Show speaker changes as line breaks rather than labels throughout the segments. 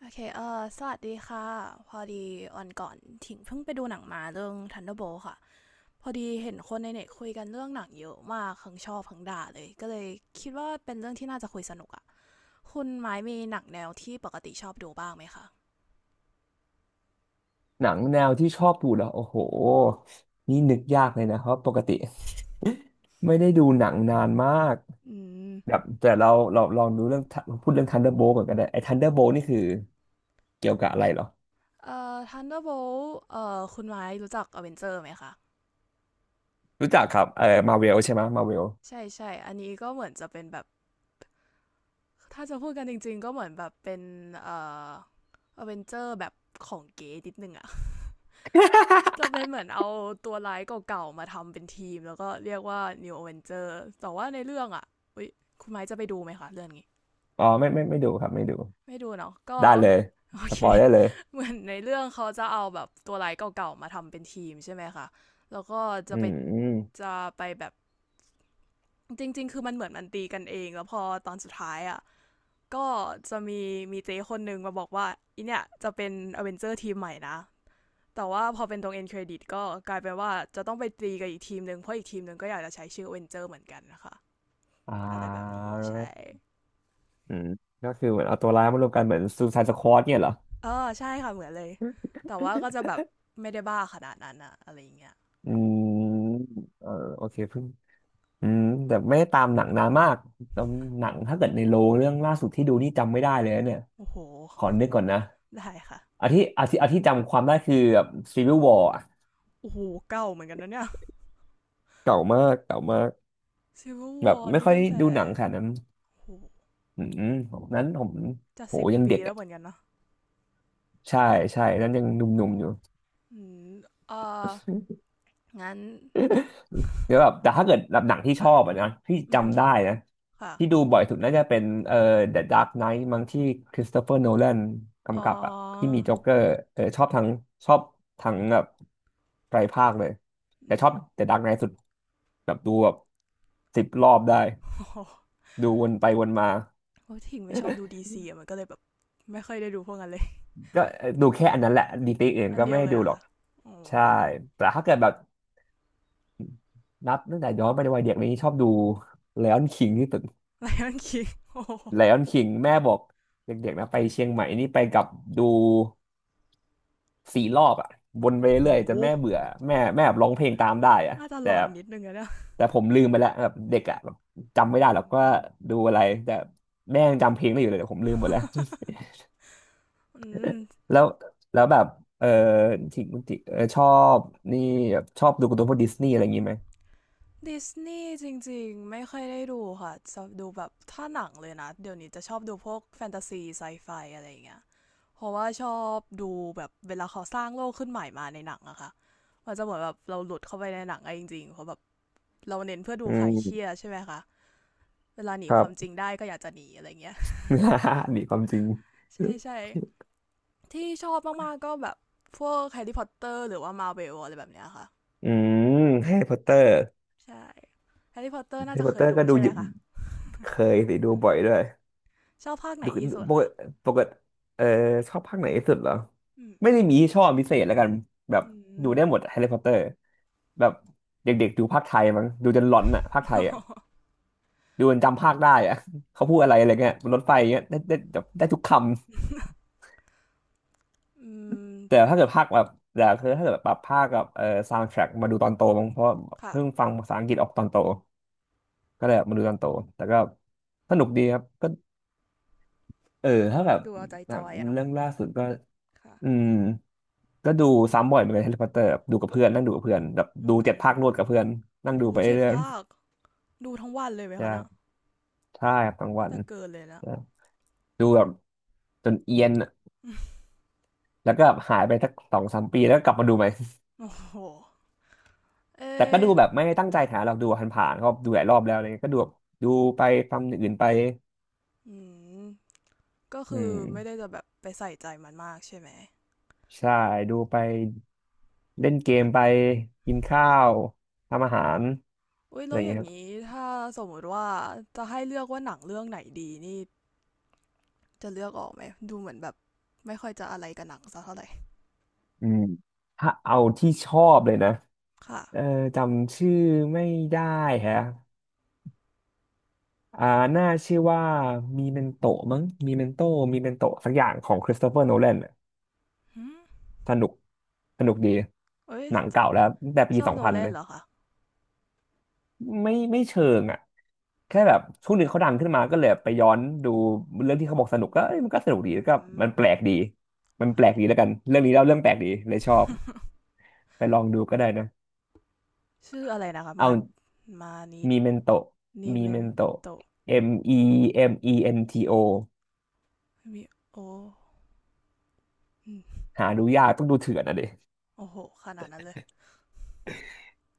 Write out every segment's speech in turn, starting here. โอเคสวัสดีค่ะ พอดีวันก่อนถิงเพิ่งไปดูหนังมาเรื่อง Thunderbolt ค่ะ พอดีเห็นคนในเน็ตคุยกันเรื่องหนังเยอะมากทั้งชอบทั้งด่าเลย ก็เลยคิดว่าเป็นเรื่องที่น่าจะคุยสนุกอะคุณไม้มีหนังแนวที่ปกติชอบดูบ้างไหมคะ
หนังแนวที่ชอบดูแล้วโอ้โหนี่นึกยากเลยนะเพราะปกติไม่ได้ดูหนังนานมาก
อืม
แบบแต่เราลองดูเรื่องพูดเรื่อง Thunderbolt ก่อนก็ได้ไอ้ Thunderbolt นี่คือเกี่ยวกับอะไรเหรอ
Thunderbolt คุณไม้รู้จัก Avenger ไหมคะ
รู้จักครับเออมาเวลใช่ไหมมาเวล
ใช่ใช่อันนี้ก็เหมือนจะเป็นแบบ ถ้าจะพูดกันจริงๆก็เหมือนแบบเป็นเอ่อ Avenger แบบของเก๋นิดนึงอะ จะเป็นเหมือนเอาตัวร้ายเก่าๆมาทำเป็นทีมแล้วก็เรียกว่า New Avenger แต่ว่าในเรื่องอ่ะอุ๊ยคุณไม้จะไปดูไหมคะเรื่องนี้
อ๋อไม่ดูครับไม่ดู
ไม่ดูเนาะก็
ได้เลย
โอ
ส
เค
ปอยได้เลย
เหมือนในเรื่องเขาจะเอาแบบตัวร้ายเก่าๆมาทำเป็นทีมใช่ไหมคะแล้วก็จะ
อื
ไป
มอม
จะไปแบบจริงๆคือมันเหมือนมันตีกันเองแล้วพอตอนสุดท้ายอ่ะก็จะมีมีเจ๊คนหนึ่งมาบอกว่าอีเนี่ยจะเป็นอเวนเจอร์ทีมใหม่นะ แต่ว่าพอเป็นตรงเอ็นเครดิตก็กลายเป็นว่าจะต้องไปตีกับอีกทีมหนึ่งเพราะอีกทีมหนึ่งก็อยากจะใช้ชื่อเวนเจอร์เหมือนกันนะคะ
อ่
อะไรแบบ
า
นี้ใช่
อืมก็คือเหมือนเอาตัวร้ายมารวมกันเหมือนซูซายสควอดเนี่ยเหรอ
อใช่ค่ะเหมือนเลยแต่ว่าก็จะแบบไม่ได้บ้าขนาดนั้นอะอะไรอย่างเงี้ย
อืมเออโอเคเพิ่ง อืมแต่ไม่ได้ตามหนังนานมากตามหนังถ้าเกิดในโลงเรื่องล่าสุดที่ดูนี่จำไม่ได้เลยนะเนี่ย
โอ้โห
ขอนึกก่อนนะ
ได้ค่ะ
อาที่จำความได้คือแบบ Civil War อะ
โอ้โหเก่าเหมือนกันนะเนี่ย
เก่ามากเก่ามาก
ซิลเวอร์ว
แบ
อ
บ
ร์
ไม่
นี่
ค่อย
ตั้งแต่
ดูหนังขนาดนั้น
โอ้โห
อืมผม
จะ
โห
สิบ
ยัง
ปี
เด็ก
แล้วเหมื
อ่ะ
อนกันเนาะ
ใช่ใช่นั้นยังหนุ่มๆอยู่
อืมเอองั้น
เดี๋ยวแบบแต่ ถ้าเกิดแบบหนังที่ช
ค่ะ
อบอะนะที่
อือ
จำได้นะ
ค่ะ
ที่ดูบ่อยสุดน่าจะเป็นThe Dark Knight มั้งที่คริสโตเฟอร์โนแลน
อ๋อ
กำกับอ่ะที่มีโจ๊กเกอร์เออชอบทั้งแบบไตรภาคเลยแต่
อื
ช
ม
อบ The Dark Knight สุดแบบดูแบบ10 รอบได้
โอ้
ดูวนไปวนมา
เพราะถิงไม่ชอบดูดีซีอะมันก็เลยแบบไม่ค่อยได้ดูพวกนั้นเลย
ก็เอ่อดูแค่อันนั้นแหละดีตทอื่น
อัน
ก็
เดี
ไม่
ยว
ได้
เลย
ดู
อะ
หรอ
ค่ะ
ก
อ๋อ
ใช่แต่ถ้าเกิดแบบนับตั้งแต่ย้อนไปในวัยเด็กนี้ชอบดู Lion King ที่สุด
ไลออนคิงโอ้
ไลออนคิงแม่บอกเด็กๆนะไปเชียงใหม่นี่ไปกับดู4 รอบอ่ะวนไป
โ
เรื่อยๆจนแม่
ห
เบื่อแม่แบบร้องเพลงตามได้อ่ะ
น่าจะหล
แต่
อนนิดนึงอะเนี่ย
แต่ผมลืมไปแล้วแบบเด็กอ่ะแบบจำไม่
อื
ได้หรอกว่า
ม
ดูอะไรแต่แม่ยังจำเพลงได้อยู่เลยแต่ผมลืมหมดแล้วแล้วแล้วแบบเออทิงติเออชอบนี่แบบชอบดูการ์ตูนพวกดิสนีย์อะไรอย่างงี้ไหม
ดิสนีย์จริงๆไม่ค่อยได้ดูค่ะจะดูแบบถ้าหนังเลยนะเดี๋ยวนี้จะชอบดูพวกแฟนตาซีไซไฟอะไรอย่างเงี้ยเพราะว่าชอบดูแบบเวลาเขาสร้างโลกขึ้นใหม่มาในหนังอะค่ะมันจะเหมือนแบบเราหลุดเข้าไปในหนังอะจริงๆเพราะแบบเราเน้นเพื่อดู
อื
คลายเครีย
ม
ดใช่ไหมคะ เวลาหนี
ค
ค
รั
วามจริ
บ
งได้ก็อยากจะหนีอะไรเงี้ย
นีความจริง
ใช่ใช่ที่ชอบมากๆก็แบบพวกแฮร์รี่พอตเตอร์หรือว่ามาร์เวลอะไรแบบเนี้ยค่ะ
อืมแฮร์รี่พอตเตอร์
ใช่แฮร์รี่พอตเตอร์
แฮ
น่า
ร์รี่
จะ
พอ
เค
ตเต
ย
อร์
ดู
ก็ดู
ใช่ไหม
เยอะ
คะ
เคยสิดูบ่อยด้วย
ชอบภาคไหน
ดู
ที่สุด
ปก
คะ
ติปกติเออชอบภาคไหนที่สุดเหรอ
อืม
ไม่ได้มีที่ชอบพิเศษแล้วกันแบบ
อื
ดู
ม
ได้หมดแฮร์รี่พอตเตอร์แบบเด็กๆดูภาคไทยมั้งดูจนหลอนอ่ะภาคไทยอ่ะ ดูจนจำภาคได้อ่ะ เขาพูดอะไรอะไรเงี้ยบนรถไฟเงี้ยได้ได้แบบได้ทุกคำ
อืม
แต่ถ้าเกิดภาคแบบแต่คือถ้าเกิดแบบภาคกับซาวด์แทร็กมาดูตอนโตมั้งเพราะ
ค่ะ
เพิ่งฟังภาษาอังกฤษออกตอนโตก็เลยมาดูตอนโตแต่ก็สนุกดีครับก็เออถ้าแบบ
ดูเอาใจ
ห
จ
นัง
อยอะเนาะ
เรื่องล่าสุดก็
ค่ะ
อืม ก็ดูซ้ำบ่อยเหมือนกันแฮร์รี่พอตเตอร์ดูกับเพื่อนนั่งดูกับเพื่อนแบบ
อื
ดู7 ภาครวด
ม
กับเพื่อนนั่งดู
โอ้
ไป
เจ็ด
เรื่อย
ภาคดูทั้งวันเลยไหม
ๆ
คะเนะ
ใช่ใช่ครับาง
น่า
วัน
จะเกินเลยนะ
ใช่ดูแบบจนเอียนอะแล้วก็หายไปสัก2-3 ปีแล้วก็กลับมาดูใหม่
โอ้โหเอ
แต่ก็
อ
ดูแบบไม่ได้ตั้งใจหาเราดูผ่านๆก็ดูหลายรอบแล้วอะไรเงี้ยก็ดูแบบดูไปฟังอย่างอื่นไป
อืมก็
อื
คือไม่ได้
ม
จะแบบไปใส่ใจมันมากใช่ไหม
ใช่ดูไปเล่นเกมไปกินข้าวทำอาหาร
อุ้ย
อะไร
แล้
อ
ว
ย่าง
อ
เงี้
ย่า
ย
ง
ครับ
นี้ถ้าสมมติว่าจะให้เลือกว่าหนังเรื่องไหนดีนี่จะเลือกออกไหมดูเหมือนแบบไม่ค่อยจะอะไรกับหนังสักเท่าไหร่
อืมถ้าเอาที่ชอบเลยนะ
ค่ะ
เออจำชื่อไม่ได้แฮะอ่าน่าชื่อว่ามีเมนโตมั้งมีเมนโตสักอย่างของคริสโตเฟอร์โนแลน
หืม
สนุกสนุกดี
เอ้ย
หนังเก่าแล้วตั้งแต่ปี
ชอบ
สอง
โน
พัน
แลน
นะ
เหรอคะ
ไม่ไม่เชิงอ่ะแค่แบบช่วงหนึ่งเขาดังขึ้นมาก็เลยไปย้อนดูเรื่องที่เขาบอกสนุกก็เอ้ยมันก็สนุกดี
อื
แล้วก็
ม
มันแปลกดีมันแปลกดีแล้
ค่ะ
วกันเรื่องนี้เล่าเรื่องแปลกดีเลยชอบไปลองดูก็ได้นะ
ชื่ออะไรนะคะ
เอา
มามานิ
มีเมนโต
นิ
มี
เมน
เมนโต
โต
Memento
มิโออืม
หาดูยากต้องดูเถื่อนอะเด็
โอ้โหขนาดนั้นเลย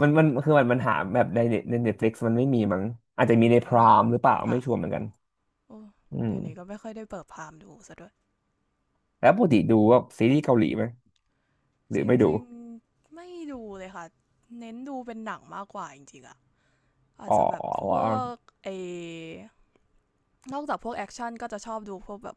มันมันคือมันมันหาแบบในเน็ตในเน็ตฟลิกซ์มันไม่มีมั้งอาจ
อื
จะมีในพ
ม
รามหรือเปล่า
ค่ะ
ไม่ชัวร์เหมือนกัน
โอ้
อื
เดี๋ยวนี้ก็
ม
ไม่ค่อยได้เปิดพามดูซะด้วย
แล้วปกติดูว่าซีรีส์เกาหลีไหมห
จ
รือไม่ดู
ริงๆไม่ดูเลยค่ะเน้นดูเป็นหนังมากกว่าจริงๆอะ อาจ
อ๋
จะแบบพว
อ
กเอนอกจากพวกแอคชั่นก็จะชอบดูพวกแบบ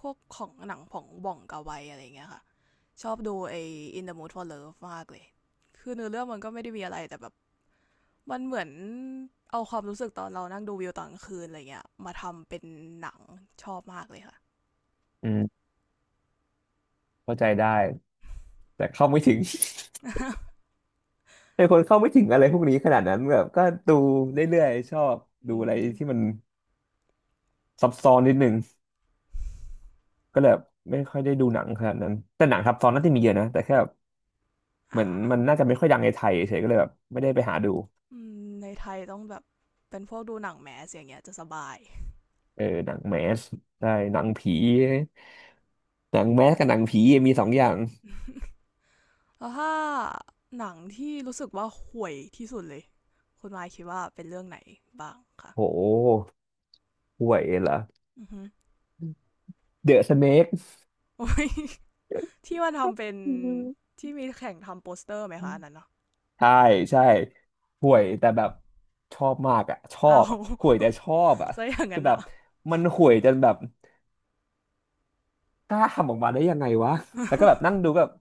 พวกของหนังของบ่องกาไวอะไรอย่างเงี้ยค่ะชอบดูไอ In the Mood for Love มากเลยคือเนื้อเรื่องมันก็ไม่ได้มีอะไรแต่แบบมันเหมือนเอาความรู้สึกตอนเรานั่งดูวิวตอนกลางคืนอะไรเงี้ยมาทำเป็นหนังชอบมากเลยค่ะ
อืมเข้าใจได้แต่เข้าไม่ถึง เป็นคนเข้าไม่ถึงอะไรพวกนี้ขนาดนั้นแบบก็ดูเรื่อยๆชอบดู
อื
อะไร
ม
ที่มันซับซ้อนนิดนึงก็เลยแบบไม่ค่อยได้ดูหนังขนาดนั้นแต่หนังซับซ้อนน่าจะมีเยอะนะแต่แค่ เห
อ่า
มือนมันน่าจะไม่ค่อยดังในไทยเฉยก็เลยแบบไม่ได้ไปหาดู
อืมในไทยต้องแบบเป็นพวกดูหนังแมสอย่างเงี้ยจะสบาย
เออหนังแมสใช่หนังผีหนังแมสกับหนังผีมีสองอย่าง
แล้วถ้าหนังที่รู้สึกว่าห่วยที่สุดเลยคุณวายคิดว่าเป็นเรื่องไหนบ้างคะ
โหห่วยเหรอ
อือฮึ
เดอะสเนก
โอ้ยที่ว่าทำเป็น
อืม
ที่มีแข่งทำโปสเตอร์ไหมคะอันนั้นเนาะ
ใช่ใช่ห่ว
โอ้
ยแต่แบบชอบมากอ่ะชอ
เอา
บอ่ะห่วยแต่ ชอบอ่ะ
ซะอย่าง
คื
นั้
อ
น
แบ
อะ
บมันห่วยจนแบบกล้าทำออกมาได้ยังไงวะแล้วก็แบบ นั่งดูก็แบบ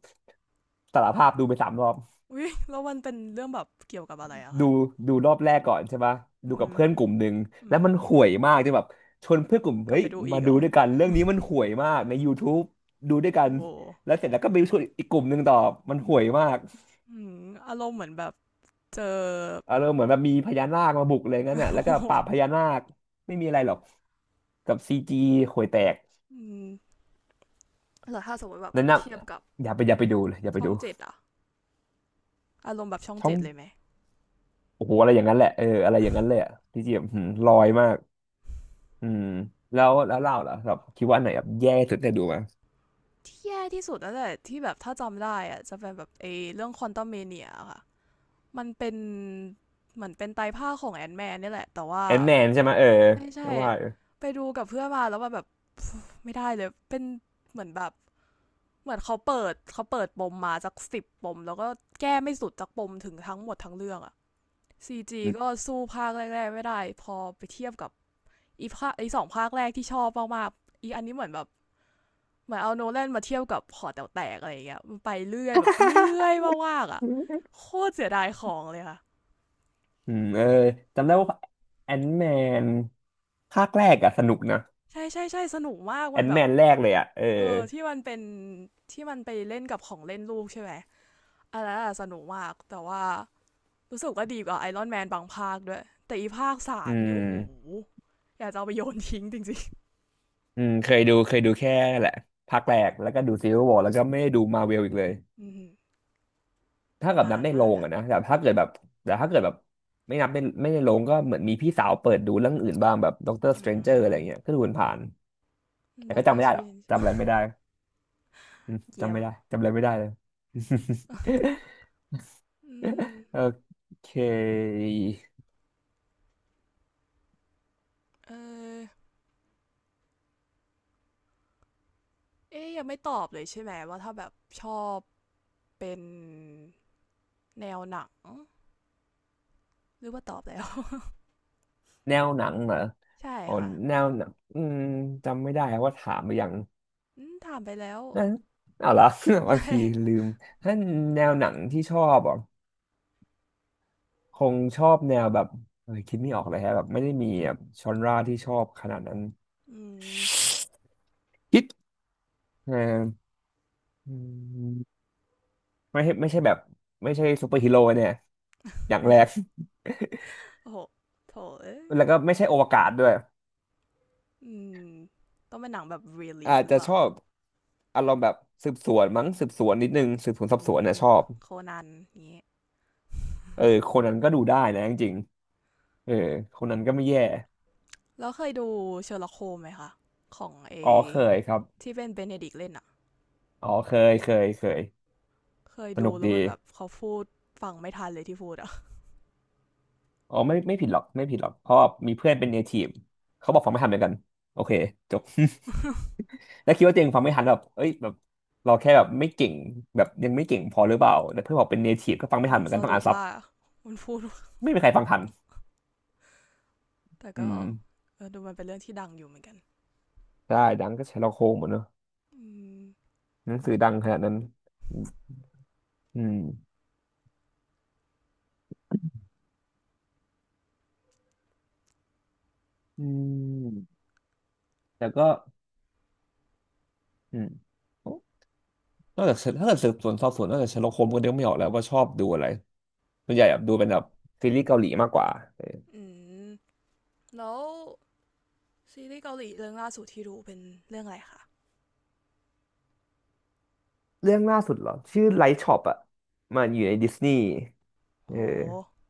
สารภาพดูไป3 รอบ
อุ้ยแล้วมันเป็นเรื่องแบบเกี่ยวกับอะไรอะ
ดู
คะ
ดูรอบแรกก่อนใช่ปะ
อื
ดู
อ
กั
ฮึ
บเพื่อนกลุ่มหนึ่ง
อื
แล้วมัน
ม
ห่วยมากจนแบบชวนเพื่อนกลุ่ม
กลับ
เฮ้ย
ไปดูอี
มา
กเหร
ดู
อ
ด้วยกันเรื่องนี้มันห่วยมากใน y ู u ูบดูด้วยกัน
โอ้โห
แล้วเสร็จแล้วก็ไปชวนอีกกลุ่มหนึ่งต่อมันห่วยมาก
อืมอารมณ์เหมือนแบบเจอ
อารมณ์เหมือนแบบมีพญานาคมาบุกเลยงั้นน่ะ
โอ้
แล้วก็
ห
ปราบพญานาคไม่มีอะไรหรอกกับซีจีห่วยแตก
อืมแล้วถ้าสมมติแบบ
นั่นนะ
เทียบกับ
อย่าไปดูเลยอย่าไป
ช่อง
ดู
เจ็ดอะอารมณ์แบบช่อง
ช่อ
เจ็
ง
ดเลยไหม
โอ้โหอะไรอย่างนั้นแหละเอออะไรอย่างนั้นเลยอะซีจีแบบหืมลอยมากอืมแล้วเล่าเหรอแบบคิดว่าอันไหนแบบแย่สุดได้ดูไหม
แย่ที่สุดแล้วแหละที่แบบถ้าจำได้อะจะเป็นแบบไอ้เรื่องควอนตัมเมเนียค่ะมันเป็นเหมือนเป็นไตรภาคของแอนแมนนี่แหละแต่ว่า
แอนแนนใช่ไหมเออ
ไม่ใช่
ก็ว่าอยู่
ไปดูกับเพื่อนมาแล้วมัแบบไม่ได้เลยเป็นเหมือนแบบเหมือนเขาเปิดปมมาจากสิบปมแล้วก็แก้ไม่สุดจากปมถึงทั้งหมดทั้งเรื่องอะ CG ก็สู้ภาคแรกๆไม่ได้พอไปเทียบกับอีภาคไอสองภาคแรกที่ชอบมากๆอีอันนี้เหมือนแบบ เหมือนเอาโนแลนมาเทียบกับหอแต๋วแตกอะไรอย่างเงี้ยมันไปเรื่อยแบบเรื่อยมากๆอ่ะโคตรเสียดายของเลยค่ะ
อืมเออจำได้ว่าแอนแมนภาคแรกอะสนุกนะ
ใช่ใช่ใช่สนุกมาก
แอ
มัน
น
แบ
แม
บ
นแรกเลยอะเออ
เออที่มันเป็นที่มันไปเล่นกับของเล่นลูกใช่ไหมอันนั้นอะสนุกมากแต่ว่ารู้สึกว่าดีกว่าไอรอนแมนบางภาคด้วยแต่อีภาคสา
อื
มนี่โอ้โห
ม
อยากจะเอาไปโยนทิ้งจริง
อืมเคยดูแค่นั่นแหละภาคแรกแล้วก็ดูซีวิววอร์แล้วก็ไม่ได้ดูมาเวลอีกเลย
ๆอืม
ถ้ากับ
นา
นับ
น
ในโร
มาก
ง
อะ
อะนะแต่ถ้าเกิดแบบไม่นับเป็นไม่ในโรงก็เหมือนมีพี่สาวเปิดดูเรื่องอื่นบ้างแบบด็อกเตอร์ส
อื
เตรนเจอร์อะไรเงี้ย
ม
ก็ดูผ่านๆแต่
ด็อ
ก็
กเต
จำ
อ
ไม่
ร์ส
ได้ห
ว
รอก
นจ์
จำอะไรไม่ได้อืม
เยี่
จำ
ย
ไม่
ม
ได้จำอะไรไม่ได้เลย
อืม
โอเค
เออเอ๊ยยังไม่ตอบเลยใช่ไหมว่าถ้าแบบชอบ เป็นแนวหนังหรือว่าตอบแล้ว
แนวหนังเหรอ
ใช่
อ๋อ
ค่ะ
แนวหนังอืมจำไม่ได้ว่าถามไปยัง
ถามไปแล้ว
นะเอาละ บา
ใช่
งทีลืมถ้าแนวหนังที่ชอบอ่ะคงชอบแนวแบบเอยคิดไม่ออกเลยฮะแบบไม่ได้มีแบบชอนราที่ชอบขนาดนั้น
อืม
คิดเอออืมไม่ใช่แบบไม่ใช่ซูเปอร์ฮีโร่เนี่ยอย่าง
ไม่
แรก
ใช่โอ้โหโถเอ้
แล้ว
ย
ก็ไม่ใช่อวกาศด้วย
อืมต้องเป็นหนังแบบ r e ล e a
อา
s
จ
หรือ
จะ
เป
ช
ล่า
อบอารมณ์แบบสืบสวนมั้งสืบสวนนิดนึงสืบสวนสอบ
อื
สวนเนี่ย
ม
ชอบ
โคนันนี้
เออคนนั้นก็ดูได้นะจริงๆเออคนนั้นก็ไม่แย่
แล้วเคยดูเชอร์ล็อกโฮมไหมคะของเอ
อ๋อเคยครับ
ที่เป็นเบเนดิกเล่นอะ
อ๋อเคย
เคย
ส
ดู
นุก
แล้ว
ดี
มันแบบเขาพูดฟังไม่ทันเลยที่พูดอะ
อ๋อไม่ผิดหรอกไม่ผิดหรอกเพราะว่ามีเพื่อนเป็นเนทีฟเขาบอกฟังไม่ทันเหมือนกันโอเคจบ แล้วคิดว่าตัวเองฟังไม่ทันแบบเอ้ยแบบเราแค่แบบไม่เก่งแบบยังไม่เก่งพอหรือเปล่าแต่เพื่อนบอกเป็นเนทีฟก็ฟัง ไม่
อ๋อ
ทันเหมือน
ส
กันต้อง
รุ
อ่า
ป
นซับ
ว่ามันพูด
ไม่มีใครฟังทัน
แต่
อื
ก็
ม
ดูมันเป็นเรื่องที่ดังอยู่เหมือนกัน
ได้ดังก็ใช้ลอกโคงหมดเนอะ
อืม
หนังสือดังขนาดนั้น อืมอืมแต่ก็อืมนอกจากสืบถ้าเกิดสืบสวนสอบสวนนอกจากเชอร์ล็อกโฮมส์ก็เดกไม่ออกแล้วว่าชอบดูอะไรส่วนใหญ่แบบดูเป็นแบบซีรีส์เกาหลีมากกว่าเออ
อืม แล้วซีรีส์เกาหลีเรื่องล่าสุดที่ดูเป็นเรื่องอะไรคะ
เรื่องล่าสุดเหรอชื่อไลท์ช็อปอ่ะมันอยู่ในดิสนีย์เอ
โห
อ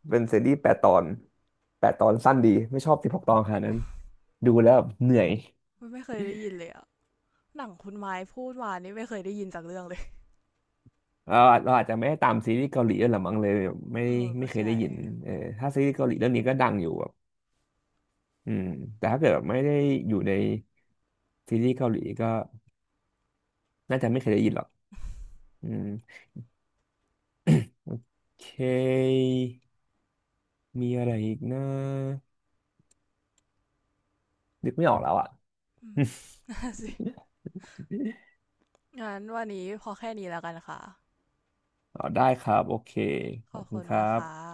เป็นซีรีส์แปดตอนแปดตอนสั้นดีไม่ชอบ16 ตอนขนาดนั้นดูแล้วแบบเหนื่อย
ไม่เคยได้ยินเลยอะหนังคุณไม้พูดมานี่ไม่เคยได้ยินจากเรื่องเลย
เราเราอาจจะไม่ได้ตามซีรีส์เกาหลีด้วยหรือมั้งเลยไม่
เออก็
ไม่เคย
ใช่
ได้ยินเออถ้าซีรีส์เกาหลีเรื่องนี้ก็ดังอยู่แบบอืมแต่ถ้าเกิดแบบไม่ได้อยู่ใน ซีรีส์เกาหลีก็น่าจะไม่เคยได้ยินหรอกอืมเค มีอะไรอีกนะนึกไม่ออกแล้วอ่ะ
นั่นสิ งั้นวันนี้พอแค่นี้แล้วกันค่ะ
อ๋อได้ครับ โอเค
ข
ขอ
อ
บ
บ
คุ
คุ
ณ
ณ
ครั
มากค่ะ
บ